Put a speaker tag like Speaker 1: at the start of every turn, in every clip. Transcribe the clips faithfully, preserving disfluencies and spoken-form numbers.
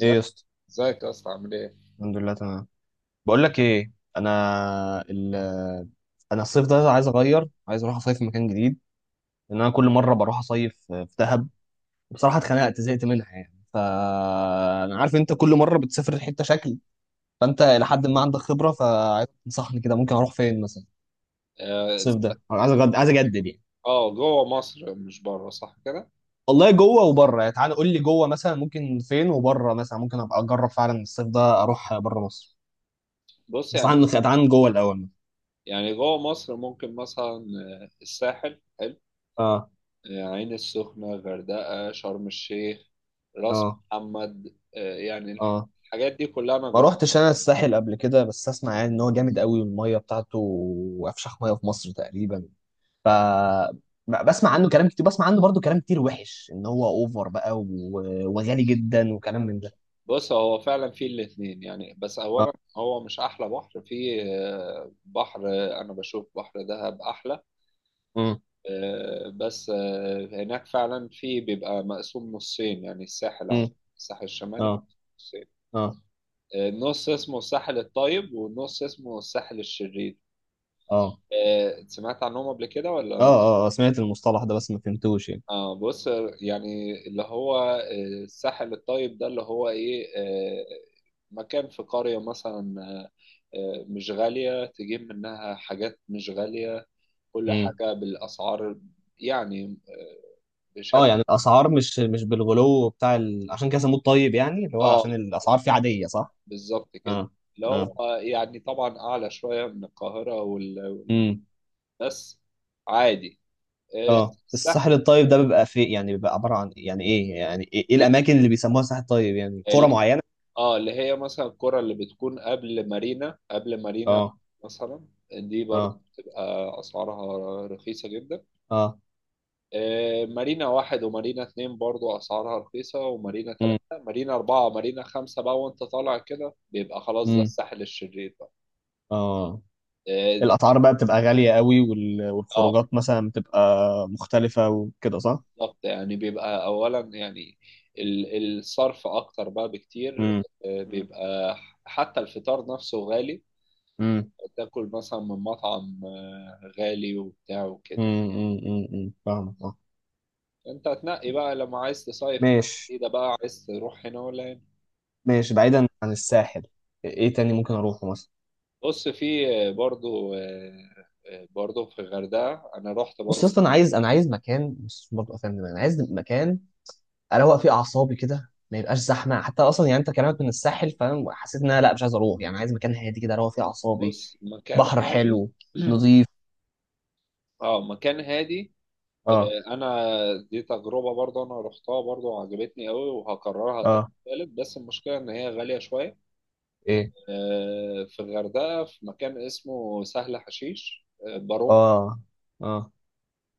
Speaker 1: ايه يا اسطى؟
Speaker 2: ازيك يا اسطى عامل ايه؟
Speaker 1: الحمد لله، تمام. بقول لك ايه، انا ال انا الصيف ده عايز اغير، عايز اروح اصيف في مكان جديد، لان انا كل مره بروح اصيف في دهب. بصراحه اتخنقت، زهقت منها يعني. فانا عارف انت كل مره بتسافر حته شكل، فانت الى حد ما عندك خبره، فعايز تنصحني كده ممكن اروح فين مثلا؟
Speaker 2: اه
Speaker 1: الصيف ده أنا عايز أجد... عايز اجدد يعني.
Speaker 2: آه، جوه مصر مش بره صح كده؟
Speaker 1: والله جوه وبره يعني، تعالى قول لي جوه مثلا ممكن فين، وبره مثلا ممكن ابقى اجرب فعلا الصيف ده اروح بره مصر.
Speaker 2: بص
Speaker 1: بس
Speaker 2: يعني
Speaker 1: عن تعال عن جوه الاول.
Speaker 2: يعني جوه مصر ممكن مثلا آه، الساحل حلو.
Speaker 1: اه،
Speaker 2: آه، عين السخنة، غردقة، شرم الشيخ، راس
Speaker 1: اه،
Speaker 2: محمد. آه، يعني الح-
Speaker 1: اه.
Speaker 2: الحاجات دي كلها انا
Speaker 1: ما
Speaker 2: جربتها.
Speaker 1: روحتش انا الساحل قبل كده، بس اسمع يعني ان هو جامد قوي، والميه بتاعته افشخ ميه في مصر تقريبا. ف ب- بسمع عنه كلام كتير، بسمع عنه برضو كلام كتير وحش، ان هو اوفر بقى و... وغالي جدا، وكلام من ده.
Speaker 2: بص، هو فعلا فيه الاتنين يعني، بس
Speaker 1: اه.
Speaker 2: اولا هو مش احلى بحر فيه. آه، بحر آه، انا بشوف بحر دهب احلى.
Speaker 1: امم.
Speaker 2: آه، بس آه، هناك فعلا في بيبقى مقسوم نصين، يعني الساحل عم
Speaker 1: امم.
Speaker 2: الساحل الشمالي
Speaker 1: اه،
Speaker 2: مقسوم نصين.
Speaker 1: اه،
Speaker 2: آه، نص اسمه الساحل الطيب، ونص اسمه الساحل الشرير.
Speaker 1: اه،
Speaker 2: آه، سمعت عنهم قبل كده
Speaker 1: اه،
Speaker 2: ولا؟
Speaker 1: اه. آه، سمعت المصطلح ده بس ما فهمتوش يعني.
Speaker 2: اه بص آه، يعني اللي هو آه، الساحل الطيب ده اللي هو ايه؟ آه، مكان في قرية مثلا. آه، آه، مش غالية، تجيب منها حاجات مش غالية، كل
Speaker 1: امم.
Speaker 2: حاجة بالأسعار يعني. آه،
Speaker 1: اه،
Speaker 2: بشكل
Speaker 1: يعني الاسعار مش مش بالغلو بتاع ال... عشان كده سموه الطيب، يعني اللي هو
Speaker 2: اه،
Speaker 1: عشان الاسعار فيه عاديه، صح؟
Speaker 2: بالظبط كده.
Speaker 1: اه،
Speaker 2: اللي هو يعني طبعا أعلى شوية من القاهرة وال... وال-
Speaker 1: اه،
Speaker 2: بس عادي. آه،
Speaker 1: اه. الساحل
Speaker 2: الساحل
Speaker 1: الطيب ده بيبقى في يعني بيبقى عبارة عن يعني ايه، يعني ايه, إيه الاماكن اللي بيسموها ساحل طيب، يعني قرى
Speaker 2: اللي-
Speaker 1: معينة؟
Speaker 2: اه، اللي هي مثلا القرى اللي بتكون قبل مارينا، قبل مارينا
Speaker 1: اه،
Speaker 2: مثلا، دي برضه
Speaker 1: اه،
Speaker 2: بتبقى أسعارها رخيصة جدا.
Speaker 1: اه.
Speaker 2: آه، مارينا واحد ومارينا اتنين برضه أسعارها رخيصة، ومارينا
Speaker 1: امم.
Speaker 2: تلاتة، مارينا أربعة، مارينا خمسة بقى وأنت طالع كده بيبقى خلاص ده
Speaker 1: امم.
Speaker 2: الساحل الشرير بقى.
Speaker 1: اه،
Speaker 2: اه ده-
Speaker 1: الاسعار بقى بتبقى غالية قوي، وال...
Speaker 2: آه،
Speaker 1: والخروجات مثلا بتبقى مختلفة وكده، صح؟
Speaker 2: بالظبط، يعني بيبقى اولا يعني ال- الصرف اكتر بقى بكتير.
Speaker 1: امم.
Speaker 2: آه، بيبقى حتى الفطار نفسه غالي،
Speaker 1: امم.
Speaker 2: تاكل مثلا من مطعم آه، غالي وبتاع وكده.
Speaker 1: امم. امم. امم. أمم. فاهمك، اه.
Speaker 2: انت تنقي بقى لما عايز تصيف
Speaker 1: ماشي.
Speaker 2: جديدة بقى، عايز تروح هنا ولا هنا.
Speaker 1: ماشي، بعيدا عن الساحل، ايه تاني ممكن اروحه مثلا؟
Speaker 2: بص، في آه، برضو آه، آه، برضو في الغردقة انا رحت
Speaker 1: بص يا
Speaker 2: برضو.
Speaker 1: اسطى، انا عايز انا عايز مكان، بص برضه افهم دماغي. انا عايز مكان اروق في اعصابي كده، ما يبقاش زحمه حتى اصلا، يعني انت كلامك من الساحل فاهم، حسيت ان انا لا مش عايز اروح، يعني عايز مكان هادي كده اروق فيه اعصابي.
Speaker 2: بص، مكان
Speaker 1: بحر
Speaker 2: هادي،
Speaker 1: حلو، نظيف.
Speaker 2: اه، مكان هادي.
Speaker 1: اه،
Speaker 2: آه، انا دي تجربه برضه انا رحتها برضه وعجبتني قوي وهكررها تاني
Speaker 1: اه،
Speaker 2: وتالت، بس المشكله ان هي غاليه شويه.
Speaker 1: ايه،
Speaker 2: آه، في الغردقه في مكان اسمه سهل حشيش، آه، بارون
Speaker 1: اه، اه.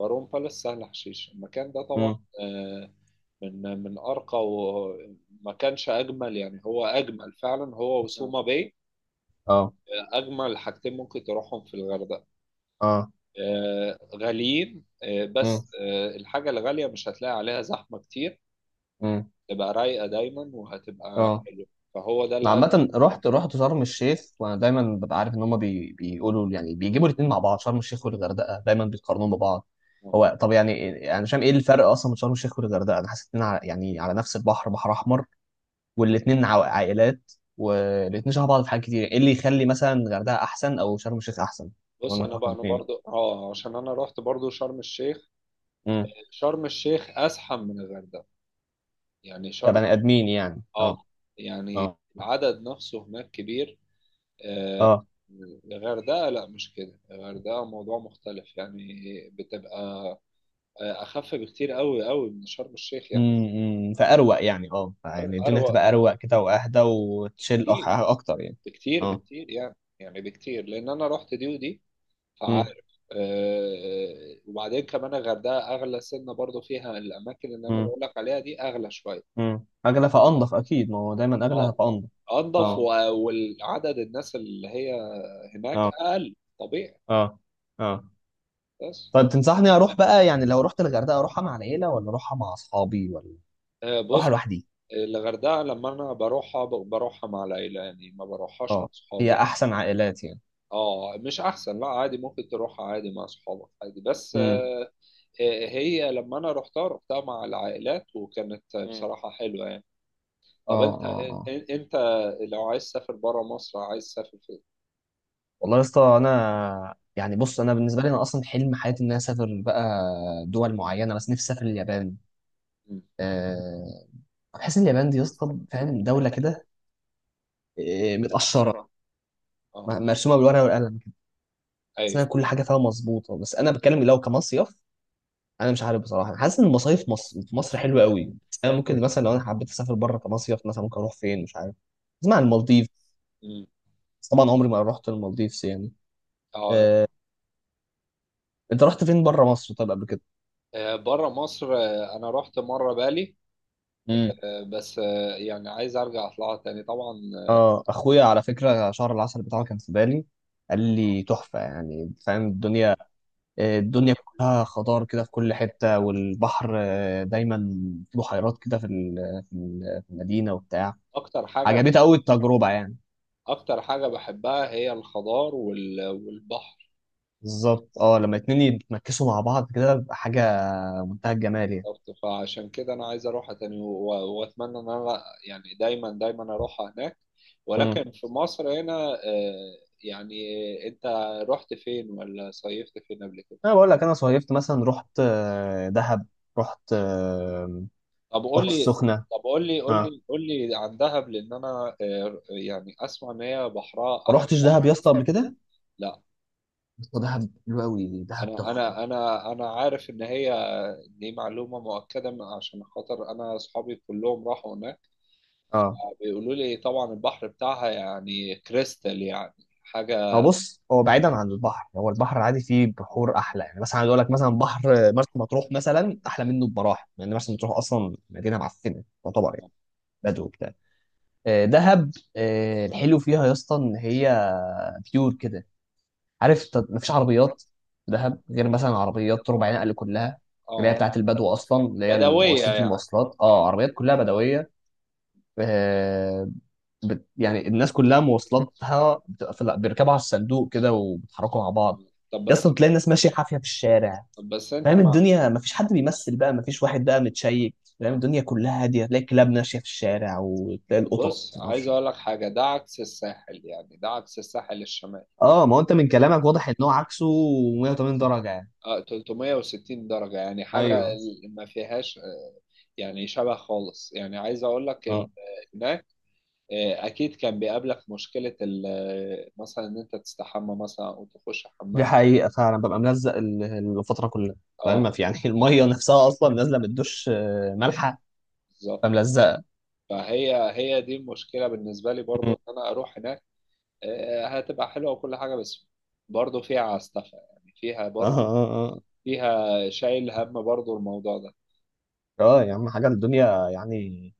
Speaker 2: بارون بالاس، سهل حشيش المكان ده طبعا
Speaker 1: امم.
Speaker 2: آه، من من ارقى وما كانش اجمل، يعني هو اجمل فعلا، هو آه. وسوما باي
Speaker 1: اه،
Speaker 2: اجمل حاجتين ممكن تروحهم في الغردقه.
Speaker 1: اه.
Speaker 2: آه، غاليين، آه،
Speaker 1: امم.
Speaker 2: بس آه، الحاجه الغاليه مش هتلاقي عليها زحمه كتير،
Speaker 1: امم.
Speaker 2: تبقى رايقة دايما وهتبقى
Speaker 1: اه،
Speaker 2: حلوة، فهو ده
Speaker 1: أنا
Speaker 2: الهدف.
Speaker 1: عامة رحت رحت شرم الشيخ، وانا دايما ببقى عارف ان هم بي... بيقولوا، يعني بيجيبوا الاثنين مع بعض، شرم الشيخ والغردقة دايما بيقارنوهم ببعض. هو طب يعني يعني انا يعني شايف ايه الفرق اصلا من شرم الشيخ والغردقة؟ انا حاسس ان يعني على نفس البحر، بحر احمر، والاتنين عو- عائلات، والاتنين شبه بعض في حاجات كتير. ايه اللي يخلي مثلا الغردقه احسن او شرم الشيخ احسن؟
Speaker 2: بص
Speaker 1: وانا
Speaker 2: انا
Speaker 1: رحت
Speaker 2: بقى، انا برضو
Speaker 1: الاتنين.
Speaker 2: اه عشان انا رحت برضو شرم الشيخ.
Speaker 1: امم،
Speaker 2: شرم الشيخ ازحم من الغردقة، يعني شرم،
Speaker 1: كبني ادمين يعني،
Speaker 2: اه
Speaker 1: اه،
Speaker 2: يعني
Speaker 1: اه،
Speaker 2: العدد نفسه هناك كبير. آه،
Speaker 1: اه.
Speaker 2: الغردقة لا، مش كده، الغردقة موضوع مختلف يعني، بتبقى آه، أخف بكتير قوي قوي من شرم الشيخ يعني.
Speaker 1: امم، فاروق يعني، اه، يعني
Speaker 2: أروق
Speaker 1: الدنيا
Speaker 2: أروق
Speaker 1: هتبقى اروق كده واهدى وتشيل أخ-
Speaker 2: بكتير،
Speaker 1: اكتر يعني.
Speaker 2: بكتير
Speaker 1: اه.
Speaker 2: بكتير يعني، يعني بكتير، لأن أنا رحت دي ودي،
Speaker 1: امم.
Speaker 2: عارف؟ آه، وبعدين كمان الغردقه اغلى سنه، برضو فيها الاماكن اللي انا
Speaker 1: امم.
Speaker 2: بقول لك عليها دي اغلى شويه.
Speaker 1: امم، اغلى فانضف اكيد، ما هو دايما اغلى
Speaker 2: اه
Speaker 1: فانضف.
Speaker 2: انضف، اه
Speaker 1: اه،
Speaker 2: و- والعدد الناس اللي هي هناك
Speaker 1: اه،
Speaker 2: اقل، طبيعي.
Speaker 1: اه، اه.
Speaker 2: بس
Speaker 1: طب تنصحني اروح بقى يعني، لو رحت الغردقه اروحها مع العيله ولا اروحها مع اصحابي ولا
Speaker 2: آه،
Speaker 1: اروحها
Speaker 2: بص
Speaker 1: لوحدي؟
Speaker 2: الغردقه لما انا بروحها ب- بروحها مع العيله، يعني ما بروحهاش مع آه،
Speaker 1: اه،
Speaker 2: صحابي،
Speaker 1: هي
Speaker 2: هي احسن.
Speaker 1: احسن عائلات يعني.
Speaker 2: اه مش احسن، لا عادي، ممكن تروحها عادي مع اصحابك عادي، بس مم.
Speaker 1: امم.
Speaker 2: آه، آه، هي لما انا رحتها، رحتها مع العائلات وكانت مم. بصراحه حلوه.
Speaker 1: اه،
Speaker 2: طب اه انت
Speaker 1: اه،
Speaker 2: اه
Speaker 1: اه.
Speaker 2: ان- انت لو عايز تسافر بره مصر، عايز تسافر فين؟
Speaker 1: والله يا اسطى، انا يعني، بص، انا بالنسبه لي انا اصلا حلم حياتي ان انا اسافر بقى دول معينه، بس نفسي اسافر اليابان.
Speaker 2: مم.
Speaker 1: أه، بحس ان اليابان دي يا اسطى فاهم، دوله كده آه، متقشره،
Speaker 2: اه
Speaker 1: م- مرسومه بالورقه والقلم، بس انا
Speaker 2: ايوه.
Speaker 1: كل حاجه فيها مظبوطه. بس انا بتكلم لو كمصيف. انا مش عارف بصراحه، حاسس ان المصايف مصر في مصر حلوه قوي. بس انا ممكن مثلا لو انا حبيت اسافر بره كمصيف، مثلا ممكن اروح فين مش عارف؟ اسمع عن المالديف،
Speaker 2: مم.
Speaker 1: بس طبعا عمري ما رحت المالديفز يعني.
Speaker 2: اه
Speaker 1: آه، انت رحت فين بره مصر طيب قبل كده؟
Speaker 2: بره مصر، آه، انا رحت مره بالي،
Speaker 1: امم.
Speaker 2: آه، بس آه، يعني عايز ارجع اطلعها تاني طبعا. آه،
Speaker 1: اه، اخويا على فكره شهر العسل بتاعه كان في بالي. قال لي تحفه يعني، فاهم الدنيا؟ آه، الدنيا كلها خضار كده في كل حته، والبحر آه، دايما، في بحيرات كده في ال- في ال- في المدينه وبتاع.
Speaker 2: اكتر حاجه
Speaker 1: عجبتها قوي التجربه يعني.
Speaker 2: اكتر حاجه بحبها هي الخضار وال- والبحر.
Speaker 1: بالظبط، اه، لما اتنين يتمكسوا مع بعض كده بيبقى حاجه منتهى الجمال يعني.
Speaker 2: بالظبط. فعشان كده انا عايز اروحها تاني و- واتمنى ان انا يعني دايما دايما اروحها هناك،
Speaker 1: امم.
Speaker 2: ولكن في مصر هنا آه، يعني انت رحت فين ولا صيفت فين قبل كده؟
Speaker 1: انا بقول لك انا صيفت مثلا، رحت آه، دهب، رحت آه،
Speaker 2: طب قول
Speaker 1: رحت
Speaker 2: لي،
Speaker 1: السخنه.
Speaker 2: طب قول لي قول
Speaker 1: ها،
Speaker 2: لي قول لي عن دهب، لان انا آه، يعني اسمع ان هي بحرها
Speaker 1: ما
Speaker 2: احلى
Speaker 1: رحتش دهب
Speaker 2: بحر.
Speaker 1: يا اسطى قبل كده،
Speaker 2: لا،
Speaker 1: ودهب حلو قوي، دهب
Speaker 2: انا
Speaker 1: تحفه.
Speaker 2: انا انا انا عارف ان هي، دي معلومه مؤكده من- عشان خاطر انا اصحابي كلهم راحوا هناك،
Speaker 1: اه،
Speaker 2: بيقولوا لي طبعا البحر بتاعها يعني كريستال يعني، حاجه
Speaker 1: هو
Speaker 2: اللي
Speaker 1: بص، هو بعيدا عن البحر، هو البحر العادي فيه بحور احلى يعني، مثلا عايز اقول لك مثلا بحر مرسى مطروح مثلا احلى منه بمراحل، لان مرسى مطروح اصلا مدينه معفنه تعتبر يعني،
Speaker 2: هي،
Speaker 1: بدو وبتاع. آه، دهب آه، الحلو فيها يا اسطى ان هي بيور كده، عارف؟ ت- مفيش عربيات في دهب غير مثلا عربيات ربع نقل كلها، اللي هي
Speaker 2: اه
Speaker 1: بتاعت البدو اصلا، اللي هي
Speaker 2: بدويه
Speaker 1: مؤسسه
Speaker 2: يعني.
Speaker 1: المواصلات. اه، عربيات كلها بدويه. آه، بت يعني الناس كلها مواصلاتها بتبقى في- بيركبوا على الصندوق كده وبيتحركوا مع بعض.
Speaker 2: طب
Speaker 1: يا
Speaker 2: بس
Speaker 1: اسطى تلاقي الناس ماشيه حافيه في الشارع،
Speaker 2: حافية، بس انت
Speaker 1: فاهم
Speaker 2: مع
Speaker 1: الدنيا؟ مفيش حد بيمثل بقى، مفيش واحد بقى متشيك، فاهم؟
Speaker 2: آه.
Speaker 1: الدنيا كلها هاديه، تلاقي الكلاب ماشيه في الشارع، وتلاقي القطط،
Speaker 2: بص،
Speaker 1: ما
Speaker 2: عايز
Speaker 1: اعرفش إيه.
Speaker 2: اقول لك حاجه، ده عكس الساحل يعني، ده عكس الساحل الشمالي.
Speaker 1: اه، ما هو انت من كلامك واضح ان هو عكسه، مية وتمانين درجه يعني.
Speaker 2: اه ثلاث مية وستين درجه يعني، حاجه ايوه.
Speaker 1: ايوه.
Speaker 2: ال- ما فيهاش آه، يعني شبه خالص، يعني عايز اقول لك ال-
Speaker 1: اه،
Speaker 2: هناك آه، اكيد كان بيقابلك مشكله ال- آه، مثلا ان انت تستحمى مثلا او تخش
Speaker 1: دي
Speaker 2: حمام.
Speaker 1: حقيقه فعلا، ببقى ملزق ال- الفتره كلها، فاهم؟ ما
Speaker 2: اه
Speaker 1: في يعني الميه نفسها اصلا نازله من الدش آه، مالحه،
Speaker 2: بالظبط.
Speaker 1: فملزقه.
Speaker 2: فهي هي دي المشكله بالنسبه لي برضو ان انا اروح هناك. آه، هتبقى حلوة وكل حاجة، بس برضه فيها عستفة يعني، فيها
Speaker 1: اه،
Speaker 2: برضه،
Speaker 1: اه.
Speaker 2: فيها شايل هم برضه الموضوع ده.
Speaker 1: اه يا عم، حاجه الدنيا يعني.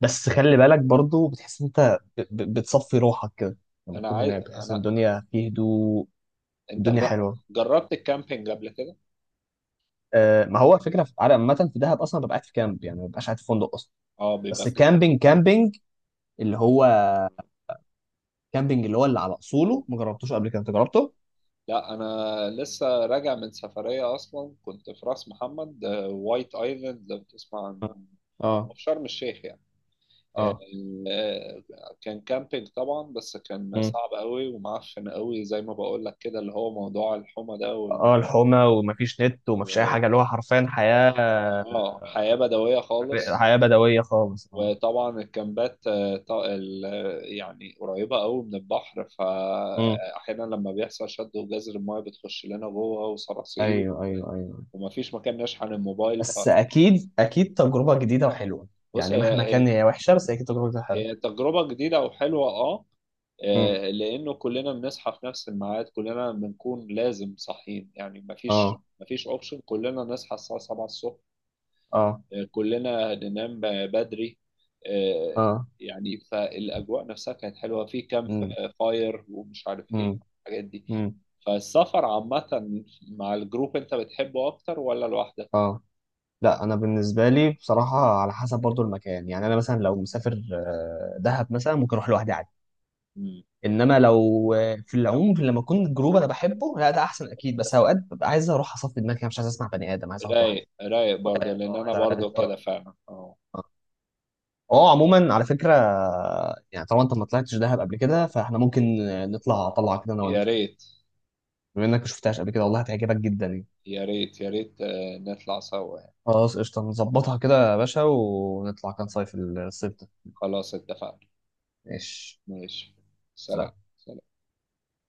Speaker 1: بس خلي بالك برضو، بتحس ان انت ب... ب... بتصفي روحك كده لما
Speaker 2: أنا
Speaker 1: تكون
Speaker 2: عايز،
Speaker 1: هناك، بتحس ان
Speaker 2: أنا،
Speaker 1: الدنيا فيه هدوء.
Speaker 2: أنت
Speaker 1: الدنيا
Speaker 2: جر- حلوه،
Speaker 1: حلوه.
Speaker 2: جربت الكامبينج قبل كده؟
Speaker 1: آه، ما هو فكره في... على عامه في دهب اصلا ببقى قاعد في كامب، يعني ما ببقاش قاعد في فندق اصلا.
Speaker 2: أه بيبقى،
Speaker 1: بس كامبينج، كامبينج اللي هو، كامبينج اللي هو اللي على اصوله، ما جربتوش قبل كده، انت جربته؟
Speaker 2: لا أنا لسه راجع من سفرية أصلا، كنت في راس محمد، آه، وايت أيلاند لو تسمع اه عن،
Speaker 1: اه،
Speaker 2: في شرم الشيخ يعني. آه.
Speaker 1: اه.
Speaker 2: آه، كان كامبينج طبعا، بس كان
Speaker 1: امم.
Speaker 2: صعب قوي ومعفن قوي زي ما بقول لك كده، اللي هو موضوع الحمى ده.
Speaker 1: اه، الحومه، ومفيش نت ومفيش اي حاجه، اللي هو حرفيا حياه،
Speaker 2: اه حياة بدوية حراقه
Speaker 1: حياه بدويه
Speaker 2: خالص.
Speaker 1: خالص، اه.
Speaker 2: وطبعا الكامبات آه، ط- ال- آه، يعني قريبة قوي من البحر، مم.
Speaker 1: امم.
Speaker 2: فأحيانا لما بيحصل شد وجزر، المايه بتخش لنا جوه، ايوه، وصراصير، ايوه،
Speaker 1: ايوه، ايوه، ايوه،
Speaker 2: ومفيش مكان نشحن الموبايل. ف،
Speaker 1: بس اكيد اكيد تجربه جديده وحلوه،
Speaker 2: بص
Speaker 1: يعني
Speaker 2: هي
Speaker 1: مهما
Speaker 2: يعني،
Speaker 1: كان
Speaker 2: هي،
Speaker 1: هي وحشه، بس اكيد تجربه جديده حلوه.
Speaker 2: هي تجربة جديدة وحلوة، اه. مم.
Speaker 1: امم.
Speaker 2: آه، لأنه كلنا بنصحى في نفس الميعاد، كلنا بنكون لازم صاحيين يعني. آه. مفيش،
Speaker 1: اه،
Speaker 2: مفيش أوبشن، كلنا نصحى الساعة سبعة الصبح.
Speaker 1: اه،
Speaker 2: آه، كلنا ننام ب- بدري. آه،
Speaker 1: اه.
Speaker 2: يعني فالأجواء نفسها كانت حلوة، في كامب
Speaker 1: امم.
Speaker 2: فاير ومش عارف إيه
Speaker 1: امم.
Speaker 2: الحاجات دي.
Speaker 1: امم.
Speaker 2: فالسفر عامة مع الجروب، أنت بتحبه أكتر ولا لوحدك؟
Speaker 1: اه، لا، انا بالنسبه لي بصراحه، على حسب برضو المكان، يعني انا مثلا لو مسافر آه، دهب مثلا ممكن اروح لوحدي عادي.
Speaker 2: مم.
Speaker 1: انما لو آه، في العموم لما اكون جروب انا بحبه، لا ده احسن اكيد، بس اوقات ببقى عايز اروح اصفي دماغي، أنا مش عايز اسمع بني ادم، عايز اقعد لوحدي.
Speaker 2: رايق، رايق برضه، رايق لأن اه أنا عايز، عايز برضه اقول كده اقول فعلا، اه.
Speaker 1: ده- اه، عموما على فكره، يعني طالما انت ما طلعتش دهب قبل كده، فاحنا ممكن نطلع طلعه كده انا
Speaker 2: يا
Speaker 1: وانت.
Speaker 2: ريت،
Speaker 1: بما انك ما شفتهاش قبل كده والله هتعجبك جدا يعني.
Speaker 2: يا ريت، يا ريت آه، نطلع سوا يعني.
Speaker 1: خلاص قشطه، نظبطها كده يا باشا، ونطلع كام صيف الصيف ده.
Speaker 2: خلاص، اتفقنا.
Speaker 1: ماشي.
Speaker 2: ماشي. سلام. سلام.
Speaker 1: سلام.
Speaker 2: سلام.